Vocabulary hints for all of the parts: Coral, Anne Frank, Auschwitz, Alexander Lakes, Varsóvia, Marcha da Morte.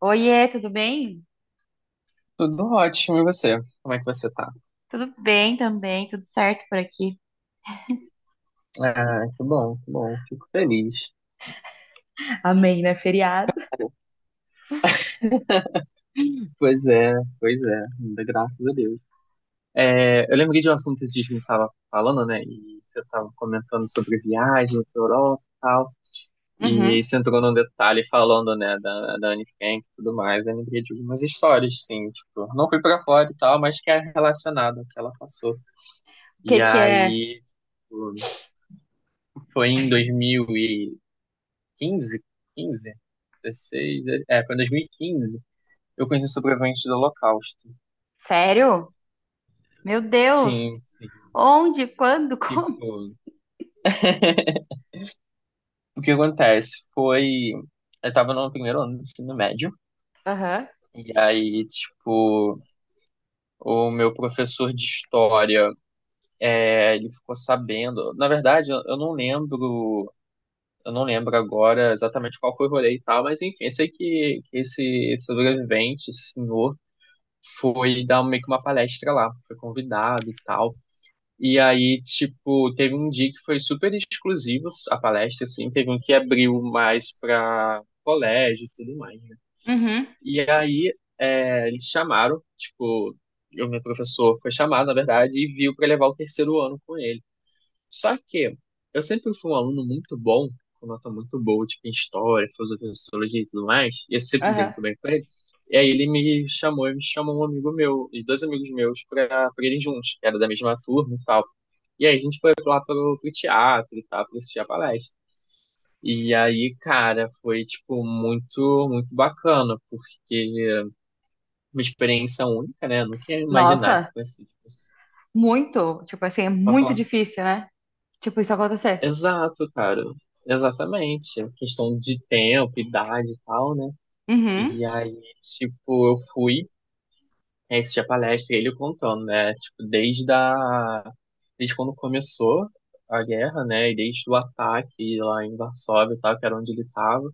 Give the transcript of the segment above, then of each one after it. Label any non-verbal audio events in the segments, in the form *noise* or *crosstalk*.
Oiê, tudo bem? Tudo ótimo, e você? Como é que você tá? Tudo bem também, tudo certo por aqui. Ah, que bom, que bom. Fico feliz. Amém, né? Feriado. Pois é, pois é, ainda graças a Deus. É, eu lembrei de um assunto que a gente estava falando, né? E você estava comentando sobre viagem para Europa e tal. E Uhum. aí você entrou num detalhe falando, né, da Anne Frank e tudo mais. Eu lembrei de algumas histórias, sim, tipo, não fui para fora e tal, mas que é relacionado ao que ela passou. O E que que é? aí, tipo, foi em 2000 e 15, 15, 16, é, foi em 2015. Eu conheci sobreviventes do Holocausto. Sério? Meu Deus! Sim, sim. Onde? Quando? *laughs* Como? Tipo, o que acontece foi, eu tava no primeiro ano do ensino médio, Aham. e aí, tipo, o meu professor de história, é, ele ficou sabendo, na verdade, eu não lembro, eu não lembro agora exatamente qual foi o rolê e tal, mas enfim, eu sei que esse sobrevivente, esse senhor, foi dar meio que uma palestra lá, foi convidado e tal. E aí, tipo, teve um dia que foi super exclusivo a palestra, assim, teve um que abriu mais pra colégio e tudo mais, né? Uhum. E aí, é, eles chamaram, tipo, o meu professor foi chamado, na verdade, e viu pra levar o terceiro ano com ele. Só que eu sempre fui um aluno muito bom, com nota muito boa, tipo, em história, filosofia, sociologia e tudo mais, e eu sempre me dei Aham. muito bem com ele. E aí ele me chamou, um amigo meu e dois amigos meus pra irem juntos, que era da mesma turma e tal. E aí a gente foi lá pro teatro e tal, pra assistir a palestra. E aí, cara, foi, tipo, muito, muito bacana, porque uma experiência única, né? Eu nunca ia imaginar que Nossa, fosse, tipo, muito. Tipo assim, é pode muito falar. difícil, né? Tipo, isso acontecer. Exato, cara. Exatamente. A questão de tempo, idade e tal, né? Uhum. E aí, tipo, eu fui, aí a palestra e ele contando, né? Tipo, desde quando começou a guerra, né? E desde o ataque lá em Varsóvia e tal, que era onde ele tava.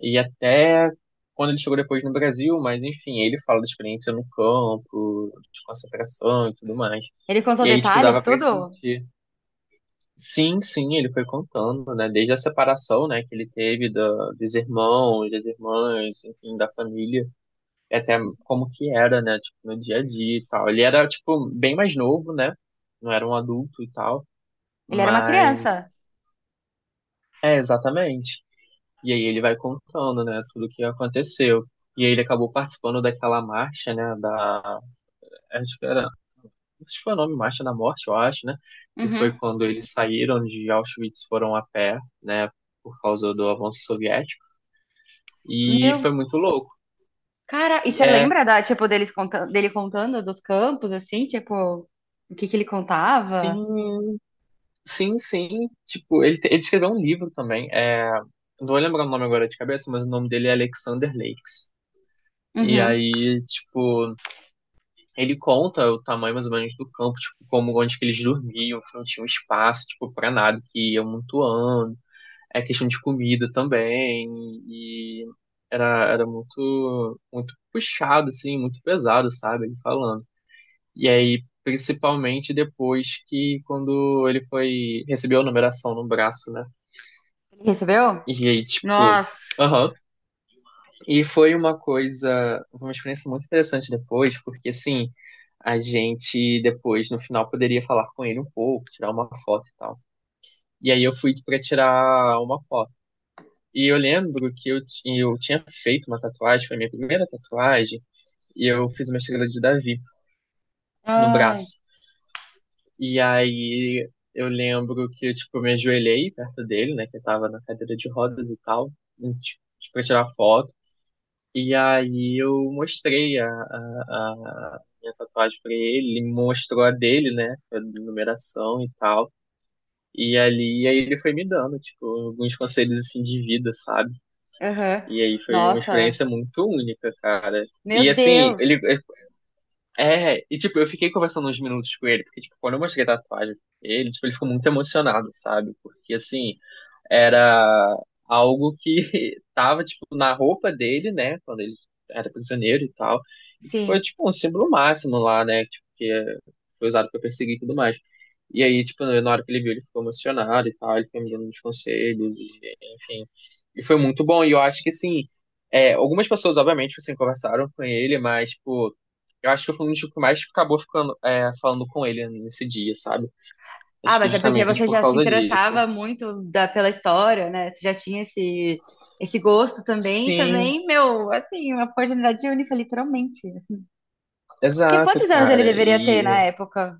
E até quando ele chegou depois no Brasil, mas enfim, ele fala da experiência no campo, de concentração e tudo mais. Ele contou E aí, tipo, detalhes, dava pra tudo? sentir. Sim, sim, ele foi contando, né? Desde a separação, né, que ele teve dos irmãos, das irmãs, enfim, da família, e até como que era, né, tipo, no dia a dia e tal. Ele era, tipo, bem mais novo, né? Não era um adulto e tal, Ele era uma mas criança. é, exatamente. E aí ele vai contando, né, tudo o que aconteceu. E aí ele acabou participando daquela marcha, né, acho que era acho que foi o nome Marcha da Morte, eu acho, né? Que foi Uhum. quando eles saíram de Auschwitz, foram a pé, né? Por causa do avanço soviético. E Meu, foi muito louco. cara, e E você é, lembra da, tipo, deles contando, dele contando dos campos, assim? Tipo, o que que ele contava? sim, sim, sim. Tipo, ele escreveu um livro também. É, não vou lembrar o nome agora de cabeça, mas o nome dele é Alexander Lakes. E Uhum. aí, tipo, ele conta o tamanho mais ou menos do campo, tipo, como onde que eles dormiam, que não tinha um espaço, tipo, pra nada, que ia amontoando. É questão de comida também, e era muito, muito puxado, assim, muito pesado, sabe, ele falando. E aí, principalmente depois que quando ele foi, recebeu a numeração no braço, né, Ele recebeu? e aí, tipo, Nossa. aham, e foi uma coisa, uma experiência muito interessante depois, porque, assim, a gente depois, no final, poderia falar com ele um pouco, tirar uma foto e tal. E aí eu fui pra tirar uma foto. E eu lembro que eu tinha feito uma tatuagem, foi a minha primeira tatuagem, e eu fiz uma estrela de Davi no Ai. braço. E aí eu lembro que tipo, eu tipo, me ajoelhei perto dele, né, que eu tava na cadeira de rodas e tal, e, tipo, pra tirar foto. E aí eu mostrei a minha tatuagem pra ele, ele mostrou a dele, né, a numeração e tal. Aí ele foi me dando, tipo, alguns conselhos assim de vida, sabe? Aham. E aí foi uma Nossa. experiência muito única, cara. Meu E assim, Deus. ele. É, e tipo, eu fiquei conversando uns minutos com ele, porque, tipo, quando eu mostrei a tatuagem pra ele, tipo, ele ficou muito emocionado, sabe? Porque assim, era algo que *laughs* tava, tipo, na roupa dele, né, quando ele era prisioneiro e tal, e que foi, Sim. tipo, um símbolo máximo lá, né, tipo, foi usado para perseguir e tudo mais. E aí, tipo, na hora que ele viu, ele ficou emocionado e tal, ele foi me dando uns conselhos, e, enfim. E foi muito bom, e eu acho que, assim, é, algumas pessoas, obviamente, assim, conversaram com ele, mas, tipo, eu acho que eu fui um dos que mais acabou ficando, é, falando com ele nesse dia, sabe? Ah, Acho que mas é porque justamente você por já se causa disso. interessava muito pela história, né? Você já tinha esse, esse gosto também. E Sim, também, meu, assim, uma oportunidade única, literalmente, assim. Porque exato, quantos anos ele cara. deveria ter na E época?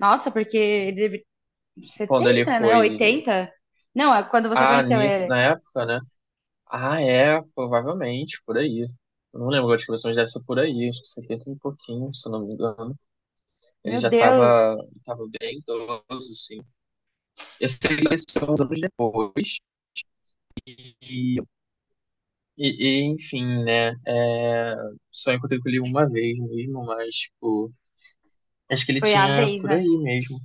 Nossa, porque ele deve... quando ele 70, né? foi. Oitenta. Não, é quando você Ah, conheceu nisso, ele. na época, né? Ah, é, provavelmente, por aí. Eu não lembro de que versões dessa por aí, acho que 70 e pouquinho, se eu não me engano. Ele Meu já Deus, tava bem idoso, assim. Eu sei que apareceu uns anos depois. E, e, enfim, né? É, só encontrei com ele uma vez mesmo, mas, tipo, acho que ele foi a tinha vez, por aí né? mesmo.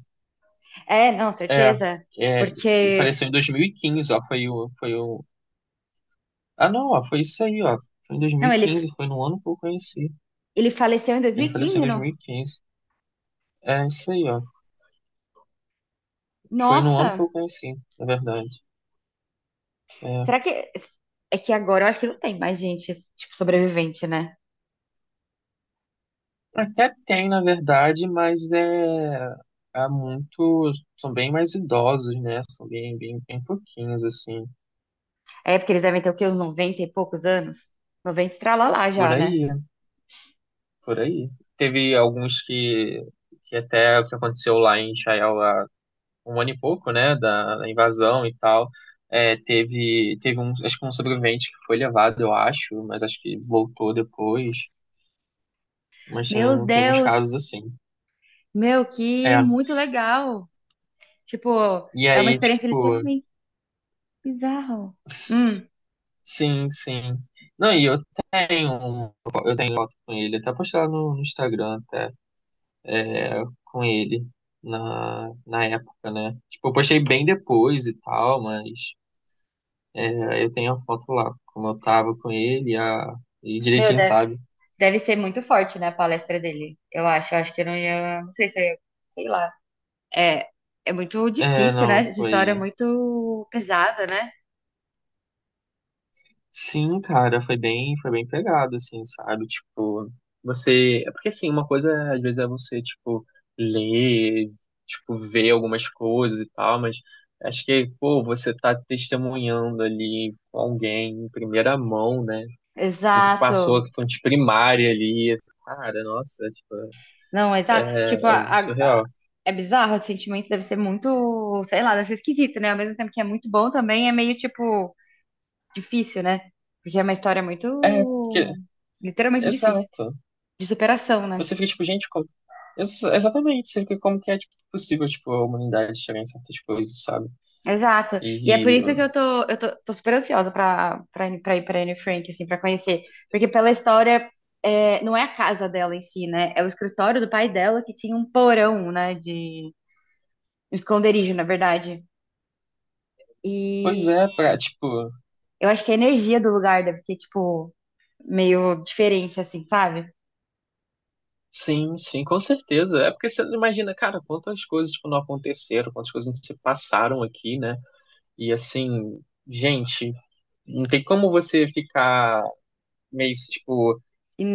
É, não, É, certeza. é, ele Porque. faleceu em 2015, ó. Ah, não, ó, foi isso aí, ó. Foi em Não, ele. 2015, foi no ano que eu conheci. Ele faleceu em dois mil Ele e faleceu em quinze, não? 2015. É isso aí, ó. Foi no Nossa! ano que eu conheci, na verdade. Será É. que. É que agora eu acho que não tem mais gente, tipo, sobrevivente, né? Até tem, na verdade, mas é. Há muito. São bem mais idosos, né? São bem, bem, bem pouquinhos, assim. É porque eles devem ter o quê? Uns 90 e poucos anos? Noventa e tralalá Por já, né? aí, por aí. Teve alguns que. Que até o que aconteceu lá em Israel um ano e pouco, né, da invasão e tal, é, teve um, acho que um sobrevivente que foi levado, eu acho, mas acho que voltou depois, mas Meu teve uns Deus! casos assim. Meu, que É, muito legal! Tipo, e é uma aí, experiência tipo, literalmente bizarra. s- Hum. sim, sim. Não, e eu tenho um com ele, até postei lá no Instagram, até, com ele, na época, né. Tipo, eu postei bem depois e tal, mas é, eu tenho a foto lá, como eu tava com ele, e Meu, direitinho, deve, sabe? deve ser muito forte, né, a palestra dele. Eu acho que eu não ia. Não sei se eu ia. Sei lá. É, é muito É, difícil, não, né? Essa história é foi. muito pesada, né? Sim, cara, foi bem pegado, assim, sabe? Tipo, você. É porque, assim, uma coisa às vezes é você, tipo, ler, tipo, ver algumas coisas e tal, mas acho que, pô, você tá testemunhando ali com alguém em primeira mão, né? Tudo que Exato. passou, que fonte primária ali. Cara, nossa, tipo, Não, exato. Tipo, é muito surreal. é bizarro, o sentimento deve ser muito, sei lá, deve ser esquisito, né? Ao mesmo tempo que é muito bom também, é meio, tipo, difícil, né? Porque é uma história É, porque, muito, literalmente difícil, exato. de superação, né? Você fica, tipo, gente, Exatamente, sempre como que é tipo, possível, tipo, a humanidade chegar em certas coisas, sabe? Exato. E é por E, isso que tô super ansiosa pra ir pra Anne Frank, assim, pra conhecer. Porque pela história, é, não é a casa dela em si, né? É o escritório do pai dela que tinha um porão, né? De um esconderijo, na verdade. pois é, pra, E tipo, eu acho que a energia do lugar deve ser, tipo, meio diferente, assim, sabe? sim, sim, com certeza. É porque você não imagina, cara, quantas coisas, tipo, não aconteceram, quantas coisas não se passaram aqui, né? E, assim, gente, não tem como você ficar meio, tipo,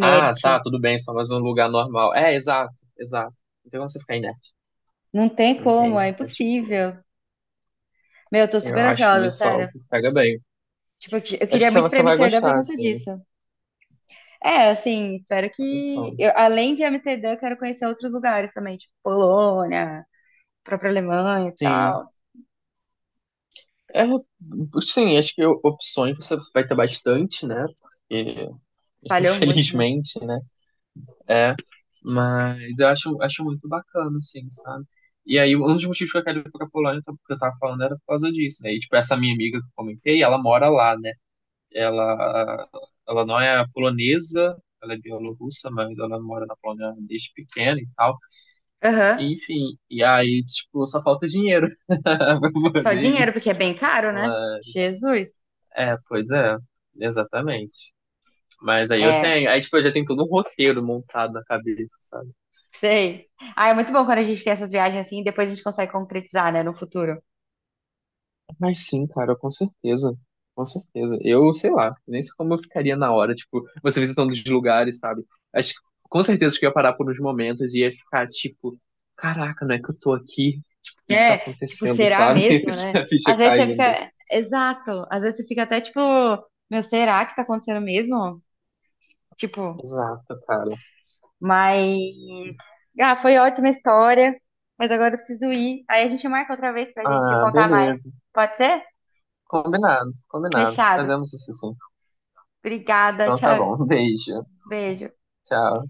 ah, tá, tudo bem, só mais um lugar normal. É, exato, exato. Não tem como você ficar inerte, Não tem como, entende? é Então, tipo, impossível. Meu, eu tô eu super acho ansiosa, isso algo sério. que pega bem. Tipo, eu Acho queria que você muito ir vai pra você vai Amsterdã por gostar, conta assim. disso. É, assim, espero que Então... eu, além de Amsterdã, eu quero conhecer outros lugares também, tipo Polônia, própria Alemanha e Sim. tal. É, sim, acho que opções você vai ter bastante, né? Porque, *laughs* Falhou muito, né? infelizmente, né? É. Mas eu acho muito bacana, assim, sabe? E aí, um dos motivos que eu quero ir pra Polônia, que eu tava falando, era por causa disso, né? E, tipo, essa minha amiga que eu comentei, ela mora lá, né? Ela, ela não é polonesa, ela é bielorrussa, mas ela mora na Polônia desde pequena e tal. Aham. Enfim, e aí, tipo, só falta dinheiro *laughs* pra poder Só ir. dinheiro, porque é bem caro, né? Jesus. É, pois é, exatamente. Mas É, aí tipo, eu já tenho todo um roteiro montado na cabeça, sabe? sei. Ah, é muito bom quando a gente tem essas viagens assim e depois a gente consegue concretizar, né, no futuro. Mas sim, cara, com certeza. Com certeza. Eu, sei lá, nem sei como eu ficaria na hora, tipo, você visitando os lugares, sabe? Acho que com certeza que eu ia parar por uns momentos e ia ficar tipo, caraca, não é que eu tô aqui? Tipo, o que que tá É, tipo, acontecendo, será sabe? mesmo, *laughs* né? A ficha Às vezes você caindo. fica. Exato. Às vezes você fica até tipo, meu, será que tá acontecendo mesmo? Tipo, Exato, cara. mas. Ah, foi ótima história, mas agora eu preciso ir. Aí a gente marca outra vez pra gente Ah, contar mais. beleza. Pode ser? Combinado, combinado. Fechado. Fazemos isso sim. Obrigada, Então tá tchau. bom. *laughs* Um beijo. Beijo. Tchau.